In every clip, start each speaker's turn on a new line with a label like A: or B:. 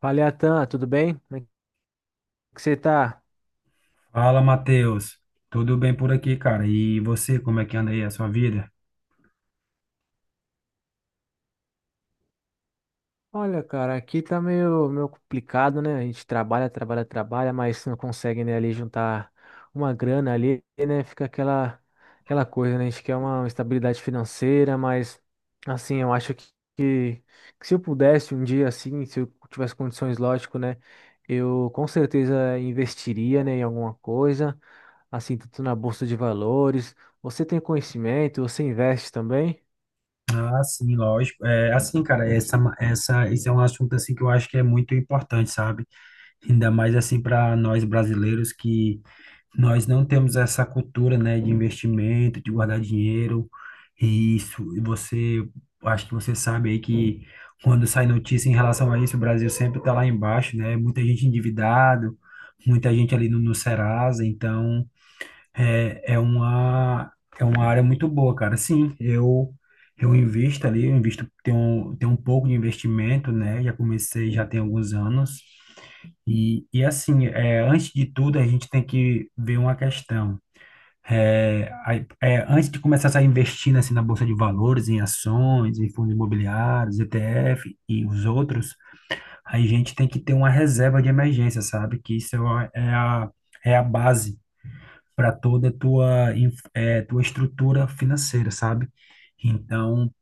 A: Fala, Atan, tudo bem? Como é que você tá?
B: Fala, Matheus. Tudo bem por aqui, cara? E você, como é que anda aí a sua vida?
A: Olha, cara, aqui tá meio complicado, né? A gente trabalha, trabalha, trabalha, mas não consegue, né, ali juntar uma grana ali, né? Fica aquela coisa, né? A gente quer uma estabilidade financeira, mas, assim, eu acho que, que se eu pudesse um dia, assim, se eu tivesse condições, lógico, né? Eu com certeza investiria, né, em alguma coisa, assim, tanto na bolsa de valores. Você tem conhecimento? Você investe também?
B: Ah, sim, lógico. É assim, cara, esse é um assunto assim que eu acho que é muito importante, sabe? Ainda mais assim para nós brasileiros que nós não temos essa cultura, né, de investimento, de guardar dinheiro. E isso, e você, acho que você sabe aí que quando sai notícia em relação a isso, o Brasil sempre tá lá embaixo, né? Muita gente endividado, muita gente ali no Serasa, então É, é uma, é uma área muito boa, cara. Sim, eu invisto ali, eu invisto, tenho um pouco de investimento, né? Já comecei, já tem alguns anos. E assim, é, antes de tudo, a gente tem que ver uma questão. É, a- Antes de começar a investir assim, na Bolsa de Valores, em ações, em fundos imobiliários, ETF e os outros, a gente tem que ter uma reserva de emergência, sabe? Que isso é, é a base para toda a tua, tua estrutura financeira, sabe? Então,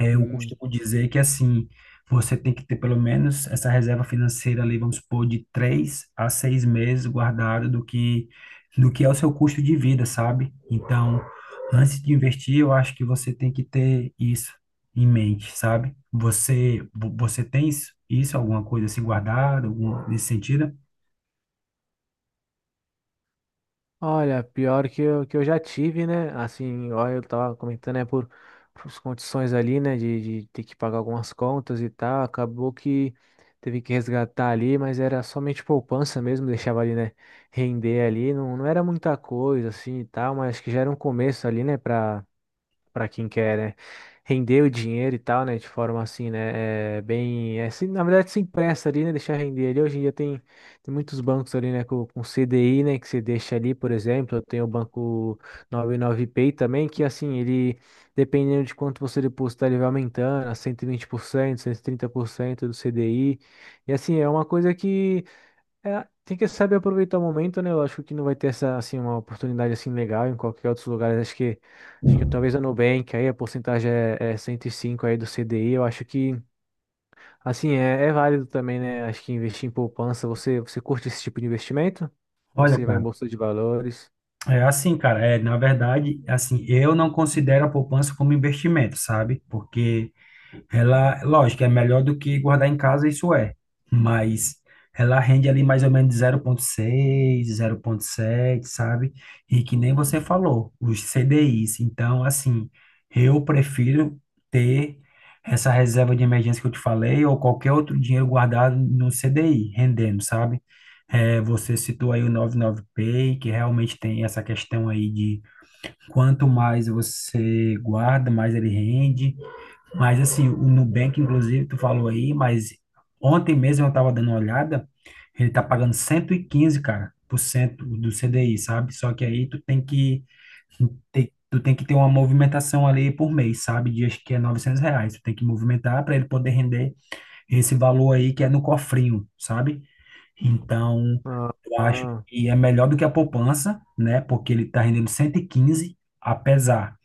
B: eu costumo dizer que, assim, você tem que ter pelo menos essa reserva financeira ali, vamos supor, de 3 a 6 meses guardado do que é o seu custo de vida, sabe? Então, antes de investir, eu acho que você tem que ter isso em mente, sabe? Você você tem isso, alguma coisa assim guardada, algum, nesse sentido?
A: Olha, pior que eu já tive, né? Assim, olha, eu tava comentando, né, por as condições ali, né, de ter que pagar algumas contas e tal, acabou que teve que resgatar ali, mas era somente poupança mesmo, deixava ali, né, render ali, não era muita coisa, assim, e tal, mas acho que já era um começo ali, né, para quem quer, né, render o dinheiro e tal, né, de forma assim, né, é, bem, é, assim, na verdade se empresta ali, né, deixar render ali. Hoje em dia tem muitos bancos ali, né, com CDI, né, que você deixa ali, por exemplo, eu tenho o banco 99Pay também, que assim, ele, dependendo de quanto você depositar, ele vai aumentando a cento e vinte por cento, 130% do CDI, e assim, é uma coisa que é, tem que saber aproveitar o momento, né? Eu acho que não vai ter essa, assim, uma oportunidade assim legal em qualquer outro lugar. Acho que talvez a Nubank, aí a porcentagem é 105 aí do CDI. Eu acho que, assim, é válido também, né? Acho que investir em poupança, você curte esse tipo de investimento?
B: Olha,
A: Você vai em
B: cara.
A: bolsa de valores?
B: É assim, cara, é, na verdade, assim, eu não considero a poupança como investimento, sabe? Porque ela, lógico, é melhor do que guardar em casa, isso é, mas ela rende ali mais ou menos 0,6, sete sabe? E que nem você falou, os CDIs. Então, assim, eu prefiro ter essa reserva de emergência que eu te falei ou qualquer outro dinheiro guardado no CDI, rendendo, sabe? É, você citou aí o 99pay que realmente tem essa questão aí de quanto mais você guarda, mais ele rende. Mas assim, o Nubank, inclusive, tu falou aí, mas ontem mesmo eu tava dando uma olhada, ele tá pagando 115 cara, por cento do CDI, sabe? Só que aí tu tem que ter uma movimentação ali por mês, sabe? De acho que é R$ 900. Tu tem que movimentar para ele poder render esse valor aí que é no cofrinho, sabe? Então,
A: Ah,
B: eu acho
A: ah.
B: que é melhor do que a poupança, né? Porque ele está rendendo 115, apesar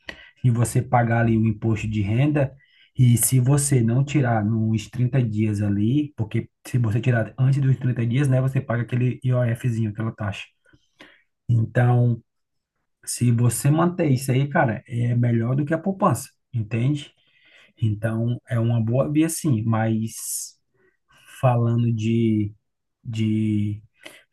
B: de você pagar ali o imposto de renda. E se você não tirar nos 30 dias ali, porque se você tirar antes dos 30 dias, né, você paga aquele IOFzinho, aquela taxa. Então, se você manter isso aí, cara, é melhor do que a poupança, entende? Então, é uma boa via sim, mas falando de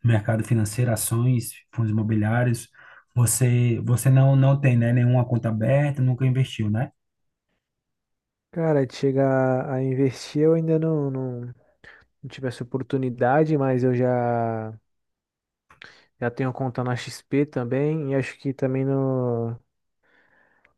B: mercado financeiro, ações, fundos imobiliários. Você não tem, né, nenhuma conta aberta, nunca investiu, né?
A: Cara, de chegar a investir, eu ainda não tive essa oportunidade, mas eu já tenho conta na XP também, e acho que também no.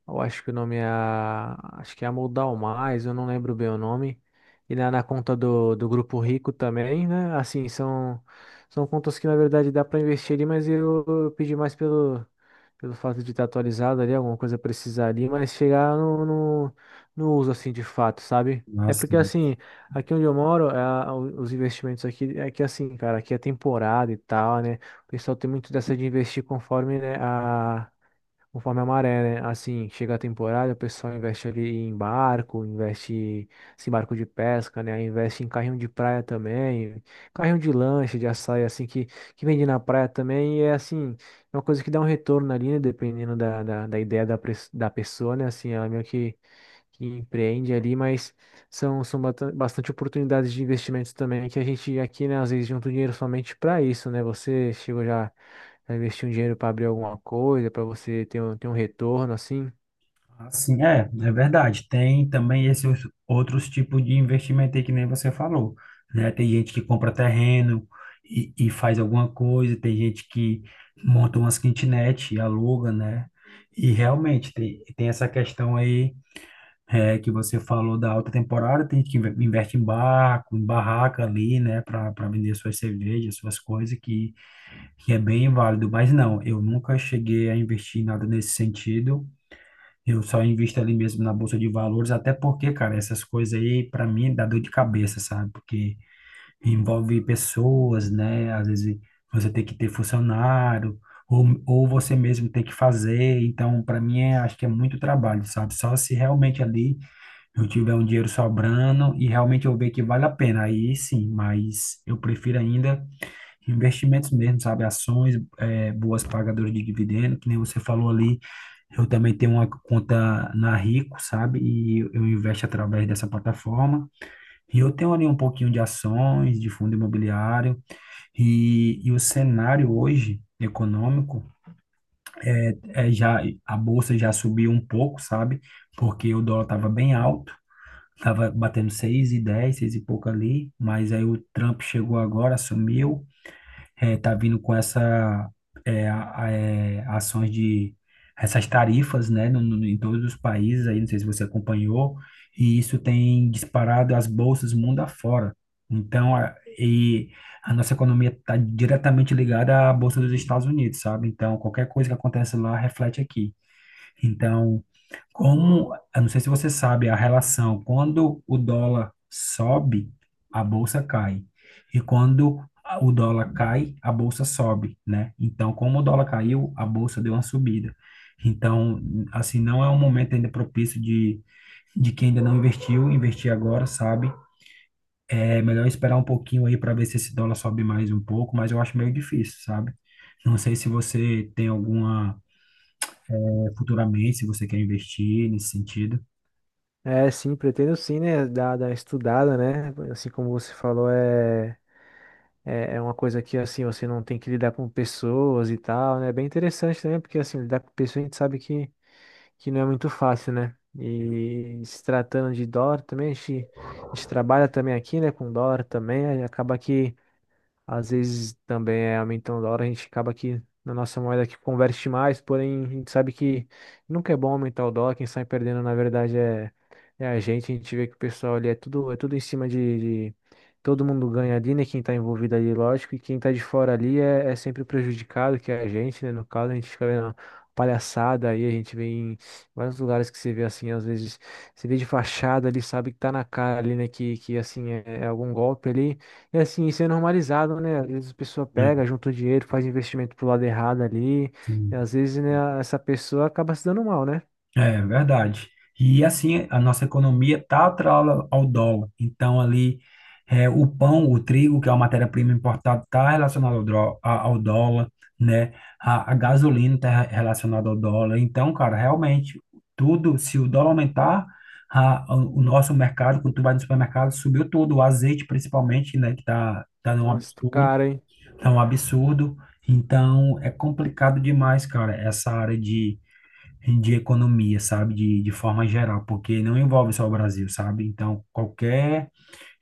A: Eu acho que o nome é. Acho que é Amoldar Mais, eu não lembro bem o nome. E na conta do Grupo Rico também, né? Assim, são contas que na verdade dá para investir ali, mas eu pedi mais pelo fato de estar atualizado ali, alguma coisa precisar ali, mas chegar no uso assim de fato, sabe? É porque
B: Assim,
A: assim, aqui onde eu moro, é, os investimentos aqui, é que assim, cara, aqui é temporada e tal, né? O pessoal tem muito dessa de investir conforme, né, a. Conforme a maré, né? Assim, chega a temporada, o pessoal investe ali em barco, investe em barco de pesca, né? Investe em carrinho de praia também, carrinho de lanche, de açaí, assim, que vende na praia também. E é assim, é uma coisa que dá um retorno ali, né? Dependendo da ideia da pessoa, né? Assim, ela meio que empreende ali, mas são bastante oportunidades de investimentos também que a gente aqui, né? Às vezes junta o dinheiro somente para isso, né? Você chegou já. Pra investir um dinheiro para abrir alguma coisa, para você ter um retorno assim?
B: assim é verdade. Tem também esses outros tipos de investimento aí que nem você falou, né? Tem gente que compra terreno e faz alguma coisa, tem gente que monta umas kitnet e aluga, né? E realmente tem, tem essa questão aí. É, que você falou da alta temporada, tem gente que investe em barco, em barraca ali, né, para vender suas cervejas, suas coisas, que é bem válido. Mas não, eu nunca cheguei a investir em nada nesse sentido. Eu só invisto ali mesmo na bolsa de valores, até porque, cara, essas coisas aí, para mim, dá dor de cabeça, sabe? Porque envolve pessoas, né? Às vezes você tem que ter funcionário, ou você mesmo tem que fazer. Então, para mim, é, acho que é muito trabalho, sabe? Só se realmente ali eu tiver um dinheiro sobrando e realmente eu ver que vale a pena, aí sim, mas eu prefiro ainda investimentos mesmo, sabe? Ações, boas pagadoras de dividendo, que nem você falou ali. Eu também tenho uma conta na Rico, sabe? E eu investo através dessa plataforma. E eu tenho ali um pouquinho de ações, de fundo imobiliário. E o cenário hoje econômico é, já a bolsa já subiu um pouco, sabe? Porque o dólar estava bem alto. Tava batendo seis e dez, seis e pouco ali, mas aí o Trump chegou agora, assumiu, tá vindo com essa ações de essas tarifas, né, no, em todos os países aí, não sei se você acompanhou, e isso tem disparado as bolsas mundo afora. Então, e a nossa economia está diretamente ligada à bolsa dos Estados Unidos, sabe? Então, qualquer coisa que acontece lá reflete aqui. Então, como, eu não sei se você sabe a relação, quando o dólar sobe, a bolsa cai. E quando o dólar cai, a bolsa sobe, né? Então, como o dólar caiu, a bolsa deu uma subida. Então, assim, não é um momento ainda propício de quem ainda não investiu, investir agora, sabe? É melhor esperar um pouquinho aí para ver se esse dólar sobe mais um pouco, mas eu acho meio difícil, sabe? Não sei se você tem alguma, eh, futuramente, se você quer investir nesse sentido.
A: É, sim, pretendo sim, né? Dar uma estudada, né? Assim como você falou, é uma coisa que assim você não tem que lidar com pessoas e tal, né? É bem interessante também, porque assim, lidar com pessoas a gente sabe que não é muito fácil, né? E se tratando de dólar também, a gente trabalha também aqui, né? Com dólar também, aí acaba que. Às vezes também é aumentando o dólar, a gente acaba que na nossa moeda que converte mais, porém a gente sabe que nunca é bom aumentar o dólar, quem sai perdendo na verdade é a gente vê que o pessoal ali é tudo em cima de todo mundo ganha ali, né? Quem tá envolvido ali, lógico, e quem tá de fora ali é sempre o prejudicado, que é a gente, né? No caso, a gente fica vendo palhaçada aí, a gente vê em vários lugares que você vê assim, às vezes, você vê de fachada ali, sabe que tá na cara ali, né? Que assim, é algum golpe ali. É assim, isso é normalizado, né? Às vezes a pessoa pega, junta o dinheiro, faz investimento pro lado errado ali, e
B: Sim.
A: às vezes, né, essa pessoa acaba se dando mal, né?
B: É verdade. E assim, a nossa economia está atrelada ao dólar. Então, ali, é, o pão, o trigo, que é uma matéria-prima importada, está relacionado ao dólar, né? A gasolina está relacionada ao dólar. Então, cara, realmente, tudo, se o dólar aumentar, o nosso mercado, quando tu vai no supermercado, subiu tudo. O azeite, principalmente, né? Que tá num
A: Nossa, tu
B: absurdo,
A: cara, hein?
B: tá um absurdo. Então, é complicado demais, cara, essa área de economia, sabe? De forma geral, porque não envolve só o Brasil, sabe? Então, qualquer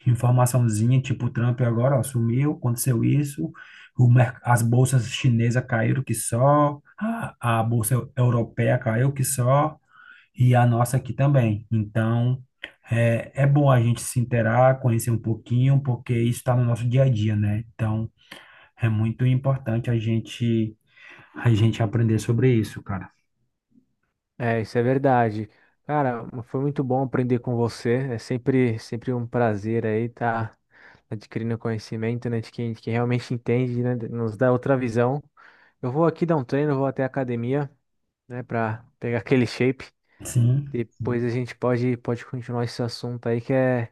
B: informaçãozinha, tipo o Trump agora, ó, sumiu, aconteceu isso, as bolsas chinesas caíram que só, a bolsa europeia caiu que só, e a nossa aqui também. Então, é bom a gente se inteirar, conhecer um pouquinho, porque isso está no nosso dia a dia, né? Então, é muito importante a gente aprender sobre isso, cara.
A: É, isso é verdade. Cara, foi muito bom aprender com você. É sempre, sempre um prazer aí estar adquirindo conhecimento, né, de quem realmente entende, né, nos dá outra visão. Eu vou aqui dar um treino, vou até a academia, né, para pegar aquele shape.
B: Sim.
A: Depois a gente pode continuar esse assunto aí que é,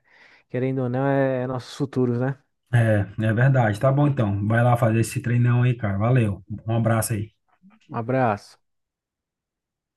A: querendo ou não, é nossos futuros, né?
B: É, é verdade. Tá bom então. Vai lá fazer esse treinão aí, cara. Valeu. Um abraço aí.
A: Um abraço.